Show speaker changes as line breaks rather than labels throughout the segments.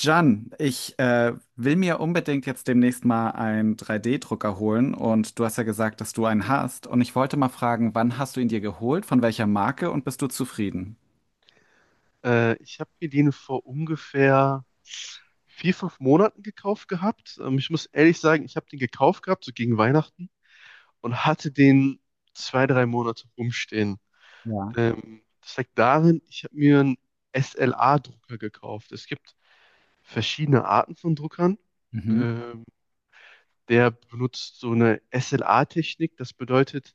Jan, ich will mir unbedingt jetzt demnächst mal einen 3D-Drucker holen und du hast ja gesagt, dass du einen hast und ich wollte mal fragen, wann hast du ihn dir geholt, von welcher Marke und bist du zufrieden?
Ich habe mir den vor ungefähr vier, fünf Monaten gekauft gehabt. Ich muss ehrlich sagen, ich habe den gekauft gehabt, so gegen Weihnachten, und hatte den zwei, drei Monate rumstehen.
Ja.
Das liegt darin, ich habe mir einen SLA-Drucker gekauft. Es gibt verschiedene Arten von Druckern.
Mhm.
Ähm, der benutzt so eine SLA-Technik. Das bedeutet,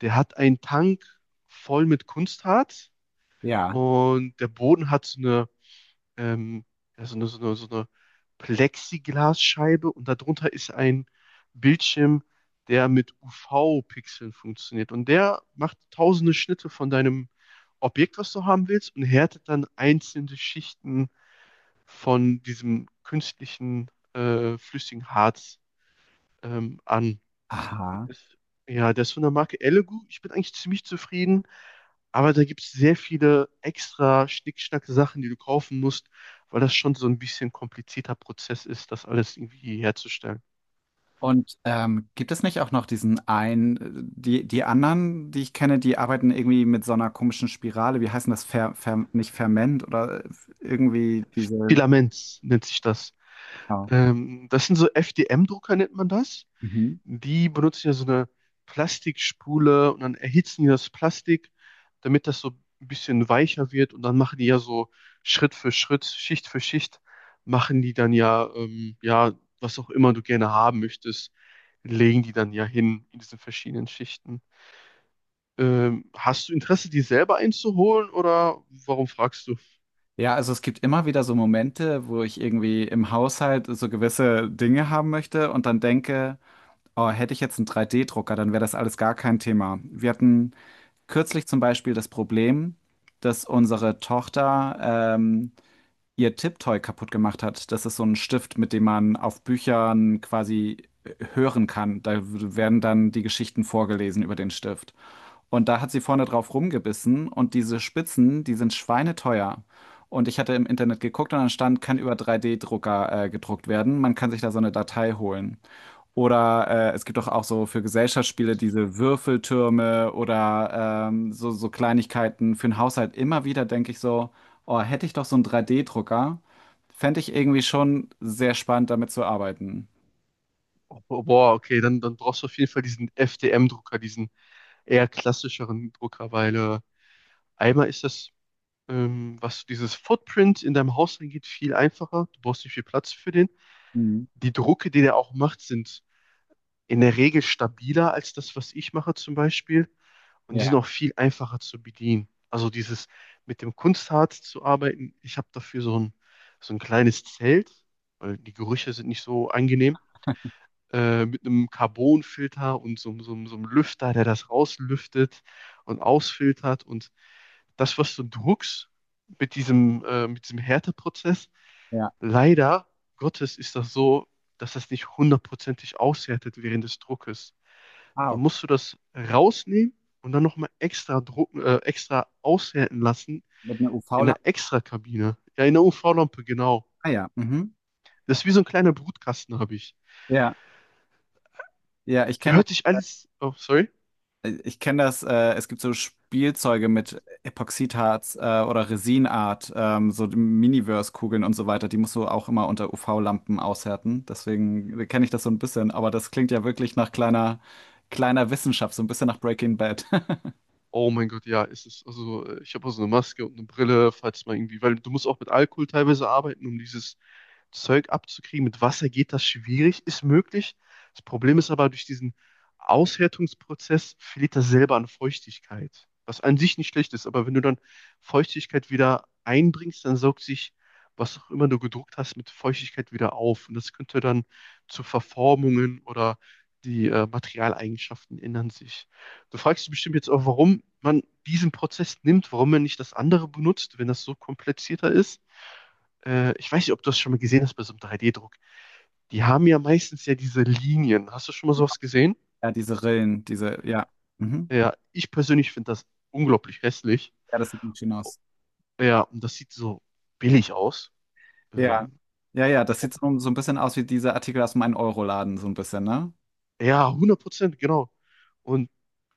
der hat einen Tank voll mit Kunstharz
Ja.
und der Boden hat so eine ähm, ja, so eine Plexiglasscheibe und darunter ist ein Bildschirm, der mit UV-Pixeln funktioniert. Und der macht tausende Schnitte von deinem Objekt, was du haben willst, und härtet dann einzelne Schichten von diesem künstlichen, flüssigen Harz, an.
Aha.
Ist, ja, der ist von der Marke Elegoo. Ich bin eigentlich ziemlich zufrieden, aber da gibt es sehr viele extra Schnickschnack-Sachen, die du kaufen musst, weil das schon so ein bisschen komplizierter Prozess ist, das alles irgendwie herzustellen.
Und gibt es nicht auch noch diesen einen, die anderen, die ich kenne, die arbeiten irgendwie mit so einer komischen Spirale, wie heißt denn das, nicht Ferment oder irgendwie diese.
Filaments nennt sich das.
Ja.
Das sind so FDM-Drucker, nennt man das.
Mhm.
Die benutzen ja so eine Plastikspule und dann erhitzen die das Plastik, damit das so ein bisschen weicher wird und dann machen die ja so Schritt für Schritt, Schicht für Schicht, machen die dann ja, ja, was auch immer du gerne haben möchtest, legen die dann ja hin in diesen verschiedenen Schichten. Hast du Interesse, die selber einzuholen oder warum fragst du?
Ja, also es gibt immer wieder so Momente, wo ich irgendwie im Haushalt so gewisse Dinge haben möchte und dann denke, oh, hätte ich jetzt einen 3D-Drucker, dann wäre das alles gar kein Thema. Wir hatten kürzlich zum Beispiel das Problem, dass unsere Tochter ähm, ihr Tipptoy kaputt gemacht hat. Das ist so ein Stift, mit dem man auf Büchern quasi hören kann. Da werden dann die Geschichten vorgelesen über den Stift. Und da hat sie vorne drauf rumgebissen und diese Spitzen, die sind schweineteuer. Und ich hatte im Internet geguckt und dann stand, kann über 3D-Drucker gedruckt werden. Man kann sich da so eine Datei holen. Oder es gibt doch auch so für Gesellschaftsspiele diese Würfeltürme oder so, so Kleinigkeiten für den Haushalt. Immer wieder denke ich so, oh, hätte ich doch so einen 3D-Drucker, fände ich irgendwie schon sehr spannend, damit zu arbeiten.
Oh, boah, okay, dann brauchst du auf jeden Fall diesen FDM-Drucker, diesen eher klassischeren Drucker, weil einmal ist das was dieses Footprint in deinem Haus angeht, viel einfacher. Du brauchst nicht viel Platz für den.
Mhm.
Die Drucke, die der auch macht, sind in der Regel stabiler als das, was ich mache zum Beispiel. Und die
Ja,
sind auch viel einfacher zu bedienen. Also dieses mit dem Kunstharz zu arbeiten. Ich habe dafür so ein kleines Zelt, weil die Gerüche sind nicht so angenehm mit einem Carbonfilter und so einem Lüfter, der das rauslüftet und ausfiltert. Und das, was du druckst mit diesem Härteprozess,
ja.
leider Gottes ist das so, dass das nicht hundertprozentig aushärtet während des Druckes.
Ah,
Dann
okay.
musst du das rausnehmen und dann nochmal extra drucken, extra aushärten lassen
Mit einer
in
UV-Lampe?
der Extrakabine. Ja, in der UV-Lampe, genau.
Ah ja. Mhm.
Das ist wie so ein kleiner Brutkasten, habe ich.
Ja, ja, ich kenne
Hört sich alles, oh, sorry.
Ich kenne das, es gibt so Spielzeuge mit Epoxidharz oder Resinart, so Miniverse-Kugeln und so weiter, die musst du auch immer unter UV-Lampen aushärten. Deswegen kenne ich das so ein bisschen, aber das klingt ja wirklich nach kleiner, kleiner Wissenschaft, so ein bisschen nach Breaking Bad.
Oh mein Gott, ja, ist es. Also, ich habe auch so eine Maske und eine Brille, falls mal irgendwie, weil du musst auch mit Alkohol teilweise arbeiten, um dieses Zeug abzukriegen. Mit Wasser geht das schwierig, ist möglich. Das Problem ist aber, durch diesen Aushärtungsprozess verliert das selber an Feuchtigkeit, was an sich nicht schlecht ist. Aber wenn du dann Feuchtigkeit wieder einbringst, dann saugt sich, was auch immer du gedruckt hast, mit Feuchtigkeit wieder auf. Und das könnte dann zu Verformungen oder die Materialeigenschaften ändern sich. Du fragst dich bestimmt jetzt auch, warum man diesen Prozess nimmt, warum man nicht das andere benutzt, wenn das so komplizierter ist, ich weiß nicht, ob du das schon mal gesehen hast bei so einem 3D-Druck. Die haben ja meistens ja diese Linien. Hast du schon mal sowas gesehen?
Ja, diese Rillen, diese, ja. Mhm.
Ja, ich persönlich finde das unglaublich hässlich.
Ja, das sieht nicht schön aus.
Ja, und das sieht so billig aus.
Ja.
Ähm,
Ja, ja, das
ob,
sieht so, so ein bisschen aus wie diese Artikel aus meinem Euroladen, so ein bisschen, ne?
ja, hundert Prozent, genau. Und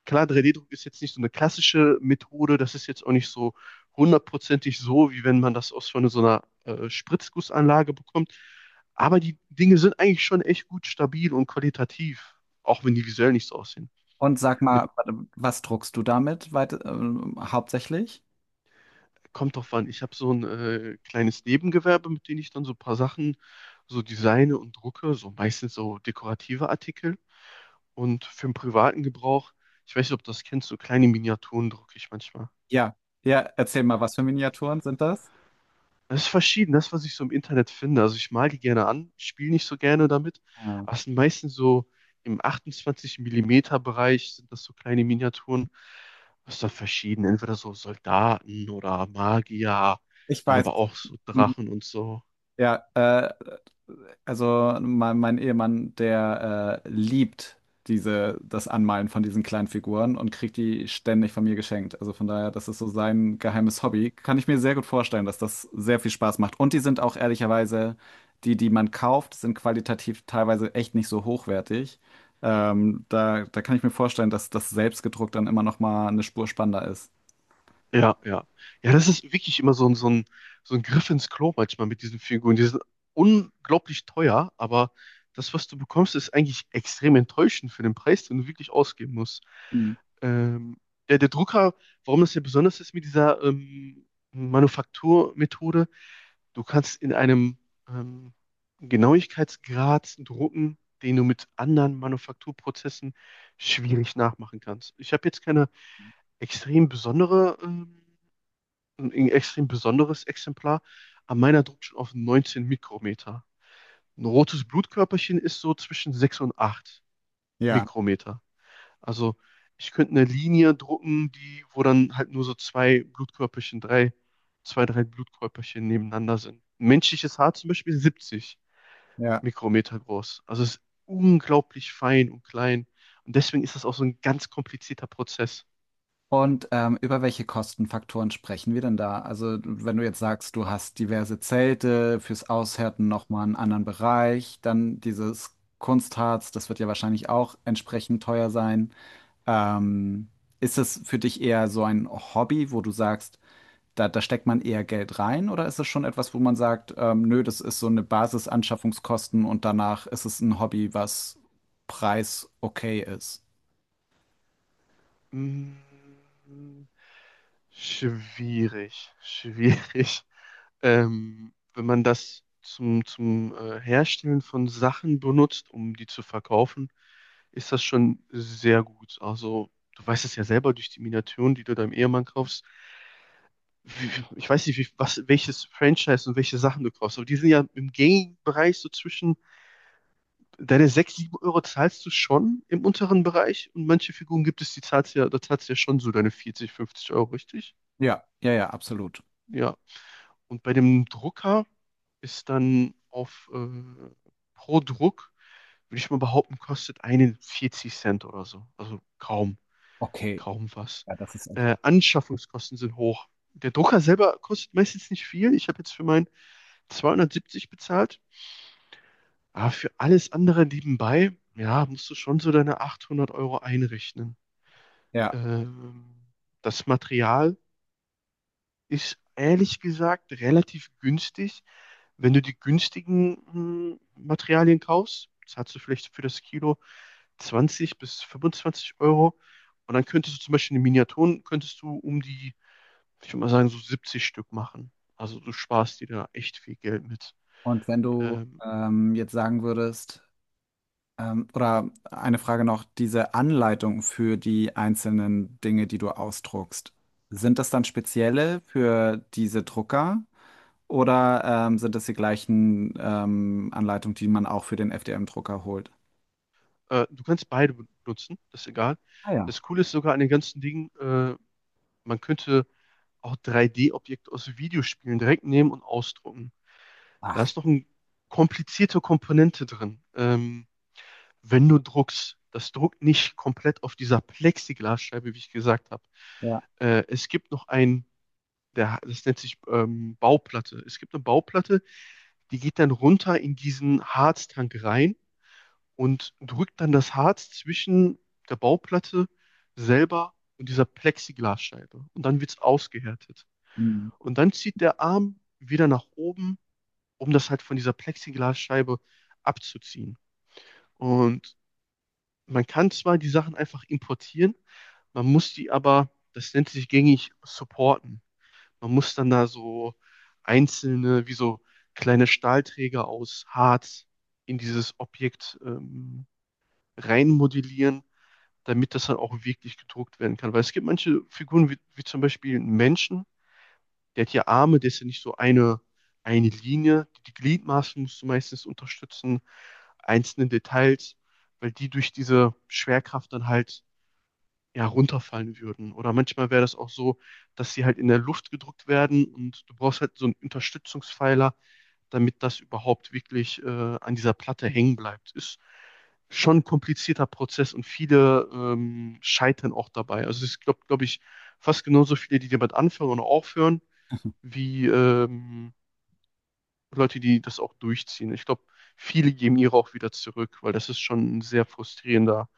klar, 3D-Druck ist jetzt nicht so eine klassische Methode. Das ist jetzt auch nicht so hundertprozentig so, wie wenn man das aus von so einer Spritzgussanlage bekommt. Aber die Dinge sind eigentlich schon echt gut stabil und qualitativ, auch wenn die visuell nicht so aussehen.
Und sag
Mit
mal, warte, was druckst du damit weit, hauptsächlich?
Kommt drauf an. Ich habe so ein kleines Nebengewerbe, mit dem ich dann so ein paar Sachen so designe und drucke, so meistens so dekorative Artikel. Und für den privaten Gebrauch, ich weiß nicht, ob du das kennst, so kleine Miniaturen drucke ich manchmal.
Ja, ja, erzähl mal, was für Miniaturen sind das?
Das ist verschieden, das, was ich so im Internet finde. Also ich mal die gerne an, spiele nicht so gerne damit,
Ah.
aber es sind meistens so im 28 Millimeter Bereich sind das so kleine Miniaturen. Das ist dann verschieden, entweder so Soldaten oder Magier,
Ich
dann
weiß.
aber auch so
Hm.
Drachen und so.
Ja, also mein Ehemann, der liebt diese, das Anmalen von diesen kleinen Figuren und kriegt die ständig von mir geschenkt. Also von daher, das ist so sein geheimes Hobby. Kann ich mir sehr gut vorstellen, dass das sehr viel Spaß macht. Und die sind auch ehrlicherweise, die, die man kauft, sind qualitativ teilweise echt nicht so hochwertig. Da kann ich mir vorstellen, dass das selbstgedruckt dann immer noch mal eine Spur spannender ist.
Ja, ja. Ja, das ist wirklich immer so ein, so ein Griff ins Klo manchmal mit diesen Figuren. Die sind unglaublich teuer, aber das, was du bekommst, ist eigentlich extrem enttäuschend für den Preis, den du wirklich ausgeben musst. Ähm, der Drucker, warum das ja besonders ist mit dieser Manufakturmethode, du kannst in einem ähm, Genauigkeitsgrad drucken, den du mit anderen Manufakturprozessen schwierig nachmachen kannst. Ich habe jetzt keine extrem besondere ein extrem besonderes Exemplar. An meiner druckt schon auf 19 Mikrometer. Ein rotes Blutkörperchen ist so zwischen 6 und 8
Ja,
Mikrometer. Also ich könnte eine Linie drucken, die, wo dann halt nur so zwei Blutkörperchen, drei, zwei, drei Blutkörperchen nebeneinander sind. Ein menschliches Haar zum Beispiel ist 70
ja.
Mikrometer groß. Also es ist unglaublich fein und klein. Und deswegen ist das auch so ein ganz komplizierter Prozess.
Und über welche Kostenfaktoren sprechen wir denn da? Also, wenn du jetzt sagst, du hast diverse Zelte fürs Aushärten nochmal einen anderen Bereich, dann dieses Kunstharz, das wird ja wahrscheinlich auch entsprechend teuer sein. Ähm, ist es für dich eher so ein Hobby, wo du sagst, da steckt man eher Geld rein, oder ist es schon etwas, wo man sagt, nö, das ist so eine Basisanschaffungskosten und danach ist es ein Hobby, was preis okay ist?
Mm, schwierig, schwierig. Wenn man das zum, zum Herstellen von Sachen benutzt, um die zu verkaufen, ist das schon sehr gut. Also, du weißt es ja selber durch die Miniaturen, die du deinem Ehemann kaufst. Wie, ich weiß nicht, wie, was, welches Franchise und welche Sachen du kaufst, aber die sind ja im Gaming-Bereich so zwischen, deine 6, 7 Euro zahlst du schon im unteren Bereich und manche Figuren gibt es, die zahlst ja, da zahlst du ja schon so deine 40, 50 Euro, richtig?
Ja, ja, ja, absolut.
Ja. Und bei dem Drucker ist dann auf pro Druck, würde ich mal behaupten, kostet einen 40 Cent oder so. Also kaum,
Okay,
kaum was.
ja, das ist echt.
Anschaffungskosten sind hoch. Der Drucker selber kostet meistens nicht viel. Ich habe jetzt für meinen 270 bezahlt. Aber für alles andere nebenbei, ja, musst du schon so deine 800 Euro einrechnen.
Ja,
Ähm, das Material ist ehrlich gesagt relativ günstig. Wenn du die günstigen Materialien kaufst, zahlst du vielleicht für das Kilo 20 bis 25 Euro. Und dann könntest du zum Beispiel in den Miniaturen, könntest du um die, ich würde mal sagen, so 70 Stück machen. Also du sparst dir da echt viel Geld mit.
und wenn du
Ähm,
jetzt sagen würdest, oder eine Frage noch, diese Anleitung für die einzelnen Dinge, die du ausdruckst, sind das dann spezielle für diese Drucker oder sind das die gleichen Anleitungen, die man auch für den FDM-Drucker holt?
du kannst beide benutzen, das ist egal.
Ah ja.
Das Coole ist sogar an den ganzen Dingen, man könnte auch 3D-Objekte aus Videospielen direkt nehmen und ausdrucken. Da
Ach,
ist noch eine komplizierte Komponente drin. Wenn du druckst, das druckt nicht komplett auf dieser Plexiglasscheibe, wie ich gesagt habe.
ja.
Es gibt noch ein, der, das nennt sich Bauplatte. Es gibt eine Bauplatte, die geht dann runter in diesen Harztank rein und drückt dann das Harz zwischen der Bauplatte selber und dieser Plexiglasscheibe. Und dann wird es ausgehärtet.
Mhm.
Und dann zieht der Arm wieder nach oben, um das halt von dieser Plexiglasscheibe abzuziehen. Und man kann zwar die Sachen einfach importieren, man muss die aber, das nennt sich gängig, supporten. Man muss dann da so einzelne, wie so kleine Stahlträger aus Harz in dieses Objekt reinmodellieren, damit das dann auch wirklich gedruckt werden kann. Weil es gibt manche Figuren, wie zum Beispiel einen Menschen, der hat ja Arme, der ist ja nicht so eine Linie. Die Gliedmaßen musst du meistens unterstützen, einzelne Details, weil die durch diese Schwerkraft dann halt ja, runterfallen würden. Oder manchmal wäre das auch so, dass sie halt in der Luft gedrückt werden und du brauchst halt so einen Unterstützungspfeiler, damit das überhaupt wirklich an dieser Platte hängen bleibt. Ist schon ein komplizierter Prozess und viele scheitern auch dabei. Also es gibt, glaube ich, fast genauso viele, die damit anfangen und aufhören, wie Leute, die das auch durchziehen. Ich glaube, viele geben ihre auch wieder zurück, weil das ist schon ein sehr frustrierender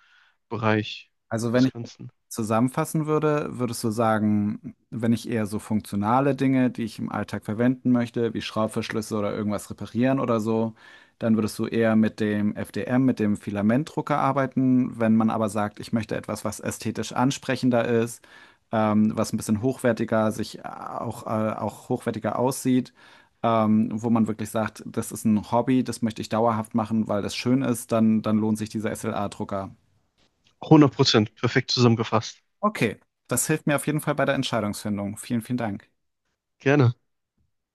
Bereich
Also
des
wenn
Ganzen.
zusammenfassen würde, würdest du sagen, wenn ich eher so funktionale Dinge, die ich im Alltag verwenden möchte, wie Schraubverschlüsse oder irgendwas reparieren oder so, dann würdest du eher mit dem FDM, mit dem Filamentdrucker arbeiten. Wenn man aber sagt, ich möchte etwas, was ästhetisch ansprechender ist, was ein bisschen hochwertiger sich auch hochwertiger aussieht, wo man wirklich sagt, das ist ein Hobby, das möchte ich dauerhaft machen, weil das schön ist, dann, dann lohnt sich dieser SLA-Drucker.
100%, perfekt zusammengefasst.
Okay, das hilft mir auf jeden Fall bei der Entscheidungsfindung. Vielen, vielen Dank.
Gerne.